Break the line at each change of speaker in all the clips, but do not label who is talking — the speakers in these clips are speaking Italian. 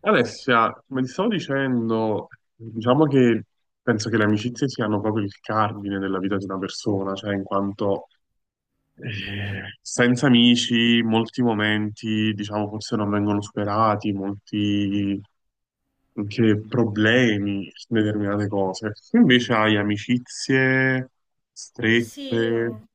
Alessia, come ti stavo dicendo, diciamo che penso che le amicizie siano proprio il cardine della vita di una persona, cioè in quanto senza amici molti momenti, diciamo, forse non vengono superati, molti anche problemi su determinate cose. Tu invece hai amicizie
Sì,
strette.
io...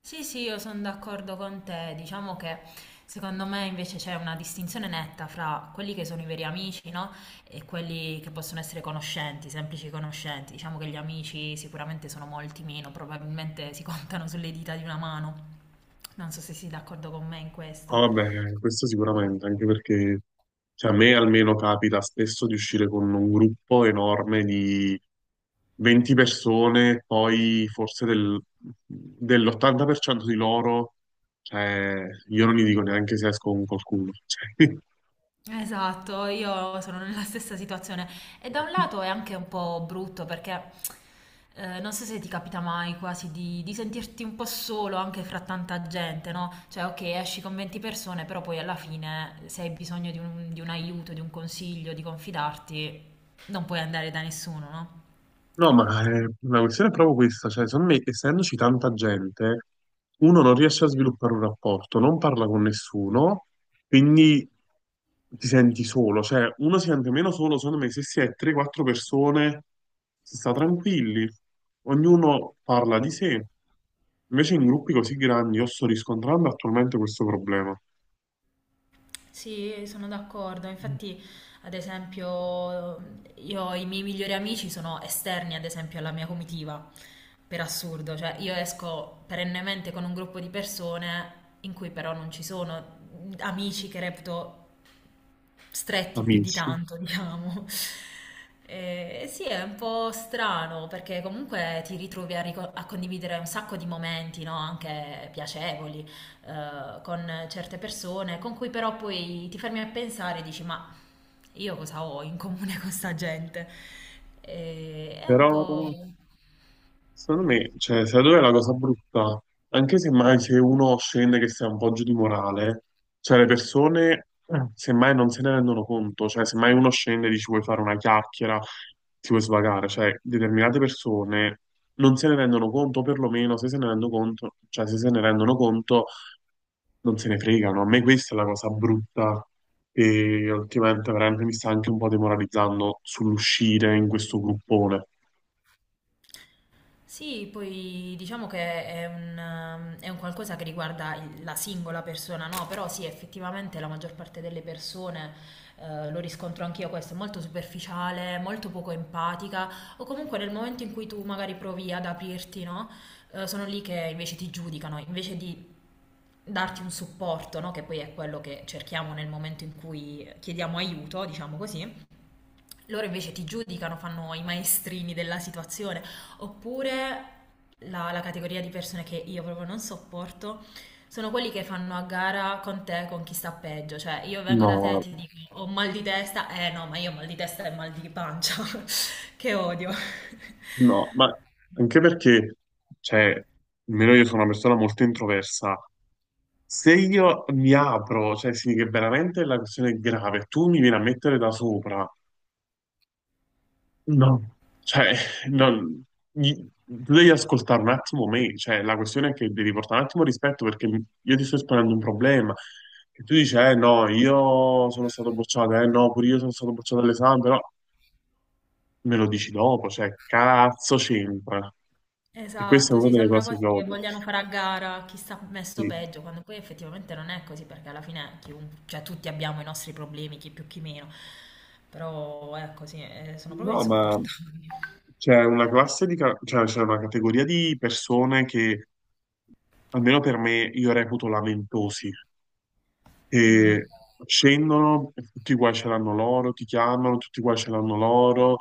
Sì, sì, io sono d'accordo con te. Diciamo che secondo me invece c'è una distinzione netta fra quelli che sono i veri amici, no? E quelli che possono essere conoscenti, semplici conoscenti. Diciamo che gli amici sicuramente sono molti meno, probabilmente si contano sulle dita di una mano. Non so se sei d'accordo con me in questo.
Ah, beh, questo sicuramente, anche perché cioè, a me almeno capita spesso di uscire con un gruppo enorme di 20 persone, poi forse dell'80% di loro, cioè, io non gli dico neanche se esco con qualcuno. Cioè,
Esatto, io sono nella stessa situazione e da un lato è anche un po' brutto perché non so se ti capita mai quasi di sentirti un po' solo anche fra tanta gente, no? Cioè, ok, esci con 20 persone, però poi alla fine se hai bisogno di un aiuto, di un consiglio, di confidarti, non puoi andare da nessuno, no?
no, ma la questione è proprio questa, cioè, secondo me, essendoci tanta gente, uno non riesce a sviluppare un rapporto, non parla con nessuno, quindi ti senti solo, cioè uno si sente meno solo, secondo me, se si è 3-4 persone, si sta tranquilli, ognuno parla di sé. Invece in gruppi così grandi io sto riscontrando attualmente questo problema,
Sì, sono d'accordo. Infatti, ad esempio, io i miei migliori amici sono esterni, ad esempio, alla mia comitiva, per assurdo. Cioè, io esco perennemente con un gruppo di persone in cui però non ci sono amici che reputo stretti più di
amici,
tanto, diciamo. Sì, è un po' strano perché comunque ti ritrovi a condividere un sacco di momenti, no? Anche piacevoli con certe persone, con cui però poi ti fermi a pensare e dici ma io cosa ho in comune con sta gente? E è un
però
po'.
secondo me, cioè, sai dove è la cosa brutta? Anche semmai se uno scende che sia un po' giù di morale, cioè le persone semmai non se ne rendono conto, cioè semmai uno scende e dici vuoi fare una chiacchiera, ti vuoi svagare, cioè determinate persone non se ne rendono conto, o perlomeno se se ne rendono conto, cioè se ne rendono conto, non se ne fregano. A me questa è la cosa brutta che ultimamente veramente mi sta anche un po' demoralizzando sull'uscire in questo gruppone.
Sì, poi diciamo che è un qualcosa che riguarda la singola persona, no? Però sì, effettivamente la maggior parte delle persone, lo riscontro anch'io questo, è molto superficiale, molto poco empatica, o comunque nel momento in cui tu magari provi ad aprirti, no? Sono lì che invece ti giudicano, invece di darti un supporto, no? Che poi è quello che cerchiamo nel momento in cui chiediamo aiuto, diciamo così, loro invece ti giudicano, fanno i maestrini della situazione, oppure la categoria di persone che io proprio non sopporto sono quelli che fanno a gara con te con chi sta peggio, cioè io vengo da te e
No.
ti dico ho mal di testa, eh no, ma io ho mal di testa e mal di pancia, che odio.
No, ma anche perché, cioè, almeno io sono una persona molto introversa. Se io mi apro, cioè, sì, che veramente la questione è grave, tu mi vieni a mettere da sopra. No, cioè, non, gli- tu devi ascoltare un attimo me, cioè, la questione è che devi portare un attimo rispetto perché io ti sto esponendo un problema. E tu dici, eh no, io sono stato bocciato, eh no, pure io sono stato bocciato all'esame, però me lo dici dopo, cioè, cazzo c'entra. E questa è
Esatto,
una
sì,
delle
sembra
cose che
quasi che
odio.
vogliano fare a gara chi sta messo
Sì.
peggio, quando poi effettivamente non è così, perché alla fine cioè, tutti abbiamo i nostri problemi, chi più chi meno, però ecco sì, sono proprio
No, ma
insopportabili.
c'è una classe cioè, c'è una categoria di persone che, almeno per me, io reputo lamentosi,
Mm.
che scendono, e tutti i guai ce l'hanno loro, ti chiamano, tutti i guai ce l'hanno loro,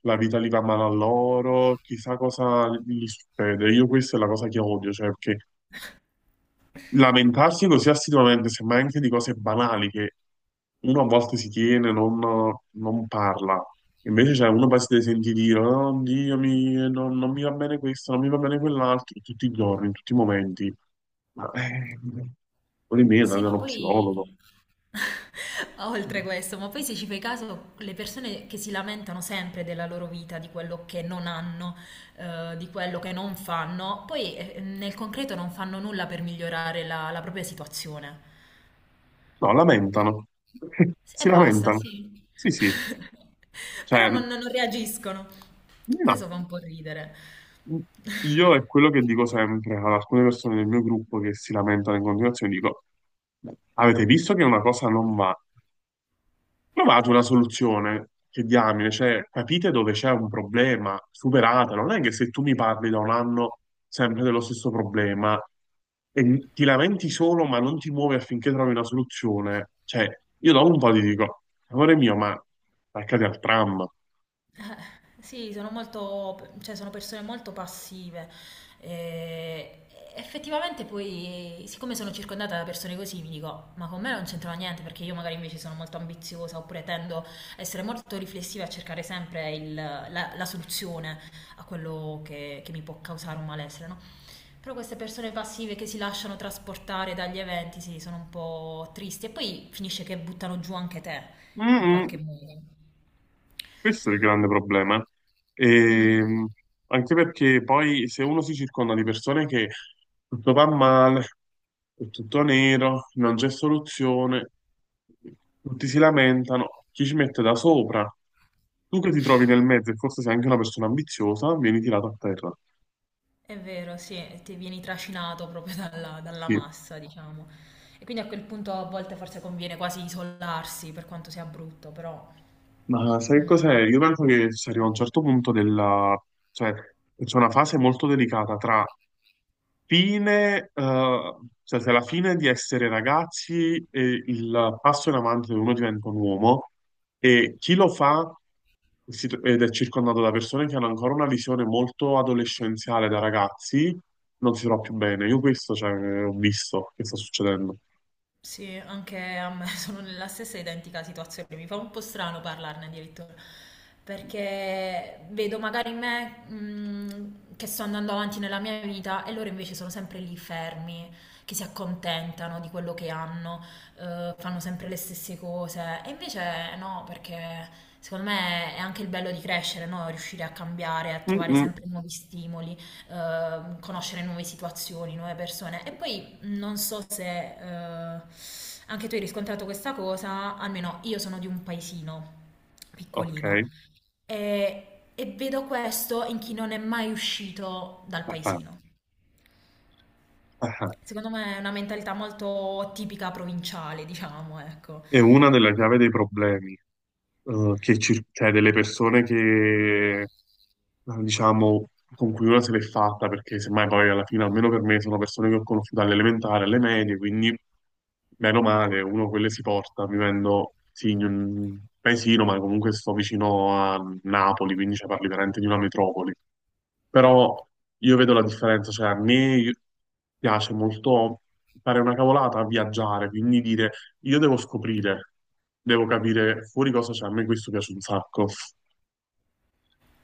la vita li va male a loro, chissà cosa gli succede. Io questa è la cosa che odio, cioè, perché lamentarsi così assiduamente, semmai anche di cose banali che uno a volte si tiene, non parla. Invece, cioè, uno poi si deve sentire dire, oh, Dio, non mi va bene questo, non mi va bene quell'altro, tutti i giorni, in tutti i momenti. Ma, vuol dire, andare
Sì,
da
ma
uno psicologo.
poi,
No,
oltre questo, ma poi se ci fai caso, le persone che si lamentano sempre della loro vita, di quello che non hanno, di quello che non fanno, poi nel concreto non fanno nulla per migliorare la propria situazione.
lamentano.
Sì, e
Si
basta,
lamentano.
sì.
Sì, sì.
Però
Cioè,
non reagiscono.
no.
Questo fa un po' ridere.
Io è quello che dico sempre ad alcune persone del mio gruppo che si lamentano in continuazione, dico, avete visto che una cosa non va? Trovate una soluzione, che diamine, cioè capite dove c'è un problema, superatelo. Non è che se tu mi parli da un anno sempre dello stesso problema e ti lamenti solo ma non ti muovi affinché trovi una soluzione, cioè io dopo un po' ti dico, amore mio, ma attaccati al tram.
Sì, sono molto, cioè sono persone molto passive. E effettivamente poi, siccome sono circondata da persone così, mi dico, ma con me non c'entrava niente perché io magari invece sono molto ambiziosa oppure tendo a essere molto riflessiva e a cercare sempre la soluzione a quello che mi può causare un malessere, no? Però queste persone passive che si lasciano trasportare dagli eventi, sì, sono un po' tristi. E poi finisce che buttano giù anche te, in qualche
Mm-mm.
modo.
Questo è il grande problema.
Mm,
Ehm, anche perché poi se uno si circonda di persone che tutto va male, è tutto nero, non c'è soluzione, tutti si lamentano, chi ci mette da sopra? Tu che ti trovi nel mezzo e forse sei anche una persona ambiziosa, vieni tirato a terra.
è vero, sì, ti vieni trascinato proprio dalla
Sì.
massa, diciamo. E quindi a quel punto a volte forse conviene quasi isolarsi, per quanto sia brutto, però.
Ma sai che cos'è?
Mm.
Io penso che si arriva a un certo punto della... cioè c'è una fase molto delicata tra fine, cioè se alla fine di essere ragazzi e il passo in avanti dove uno diventa un uomo e chi lo fa ed è circondato da persone che hanno ancora una visione molto adolescenziale da ragazzi, non si trova più bene. Io questo, cioè, ho visto che sta succedendo.
Sì, anche a me sono nella stessa identica situazione. Mi fa un po' strano parlarne addirittura, perché vedo magari me, che sto andando avanti nella mia vita e loro invece sono sempre lì fermi, che si accontentano di quello che hanno, fanno sempre le stesse cose. E invece no, perché secondo me è anche il bello di crescere, no? Riuscire a cambiare, a
Mm,
trovare
mm,
sempre nuovi stimoli, conoscere nuove situazioni, nuove persone. E poi non so se eh, anche tu hai riscontrato questa cosa, almeno io sono di un paesino piccolino
ok.
e vedo questo in chi non è mai uscito dal
Ah, ah,
paesino.
ah.
Secondo me è una mentalità molto tipica provinciale, diciamo, ecco.
È una delle chiavi dei problemi. Eh, cioè delle persone che, diciamo, con cui una se l'è fatta, perché semmai poi alla fine, almeno per me, sono persone che ho conosciuto all'elementare, alle medie, quindi meno male, uno quelle si porta, vivendo sì, in un paesino, ma comunque sto vicino a Napoli, quindi cioè, parli veramente di una metropoli però io vedo la differenza, cioè a me piace molto fare una cavolata, viaggiare, quindi dire io devo scoprire, devo capire fuori cosa c'è, a me questo piace un sacco.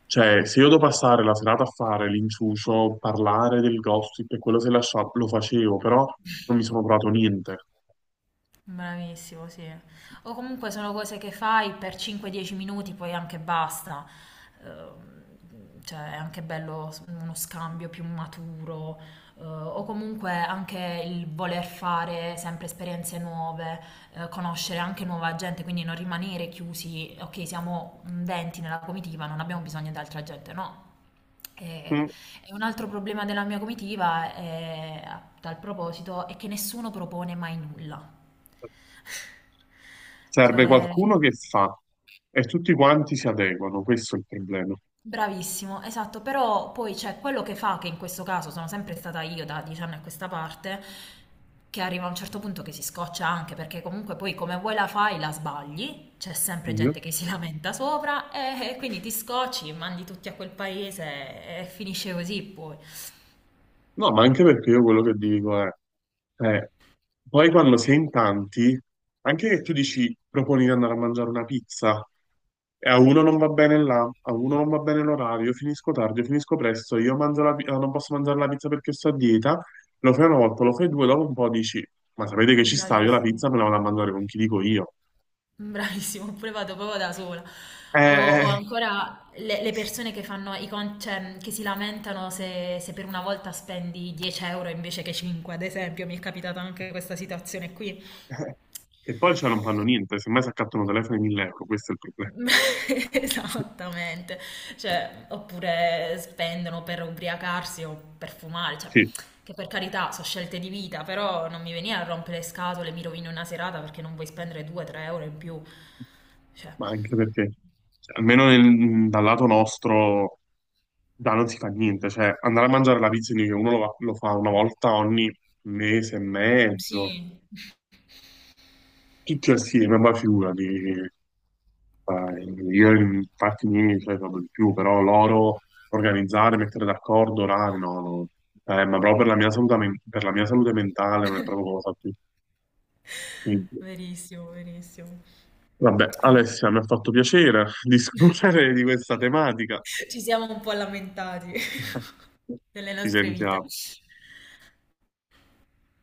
Cioè, se io devo passare la serata a fare l'inciucio, parlare del gossip e quello se lasciavo, lo facevo, però non mi sono provato niente.
Bravissimo, sì. O comunque sono cose che fai per 5-10 minuti, poi anche basta. Ehm, Cioè, è anche bello uno scambio più maturo, o comunque anche il voler fare sempre esperienze nuove, conoscere anche nuova gente, quindi non rimanere chiusi, ok, siamo 20 nella comitiva, non abbiamo bisogno di altra gente, no. E,
Mm.
e un altro problema della mia comitiva, è, a tal proposito, è che nessuno propone mai nulla.
Serve
Cioè,
qualcuno che fa e tutti quanti si adeguano, questo è il problema.
bravissimo, esatto, però poi c'è quello che fa, che in questo caso sono sempre stata io da 10 anni a questa parte, che arriva a un certo punto che si scoccia anche, perché comunque poi come vuoi la fai la sbagli, c'è sempre gente che si lamenta sopra e quindi ti scocci, mandi tutti a quel paese e finisce così poi.
No, ma anche perché io quello che dico è, eh, poi quando sei in tanti, anche che tu dici proponi di andare a mangiare una pizza, e a uno non va bene là, a uno non va bene l'orario, io finisco tardi, io finisco presto, io mangio non posso mangiare la pizza perché sto a dieta, lo fai una volta, lo fai due, dopo un po' dici, ma sapete che ci sta, io la
Bravissimo.
pizza me la vado a mangiare con chi dico io.
Bravissimo, oppure vado proprio da sola.
Eh,
O
eh,
ancora le persone che fanno cioè, che si lamentano se per una volta spendi 10 euro invece che 5, ad esempio, mi è capitata anche questa situazione qui.
eh. E poi cioè non fanno niente, semmai si accattano telefoni 1000 euro, questo è il problema.
Esattamente, cioè, oppure spendono per ubriacarsi o per fumare, cioè,
Sì.
che per carità sono scelte di vita, però non mi venire a rompere le scatole, mi rovino una serata perché non vuoi spendere 2-3 euro in più, cioè.
Ma anche perché, cioè, almeno dal lato nostro, da non si fa niente, cioè andare a mangiare la pizza in New York, uno lo fa una volta ogni mese e mezzo,
Sì.
tutti assieme, ma figurati, io infatti miei, cioè, proprio di più, però loro organizzare, mettere d'accordo orari, no, no. Ma proprio per la mia salute, per la mia salute mentale non è proprio cosa più. Quindi,
Verissimo, verissimo.
vabbè,
Eh,
Alessia, mi ha fatto piacere discutere di questa tematica.
Ci siamo un po' lamentati delle
Ci
nostre vite.
sentiamo.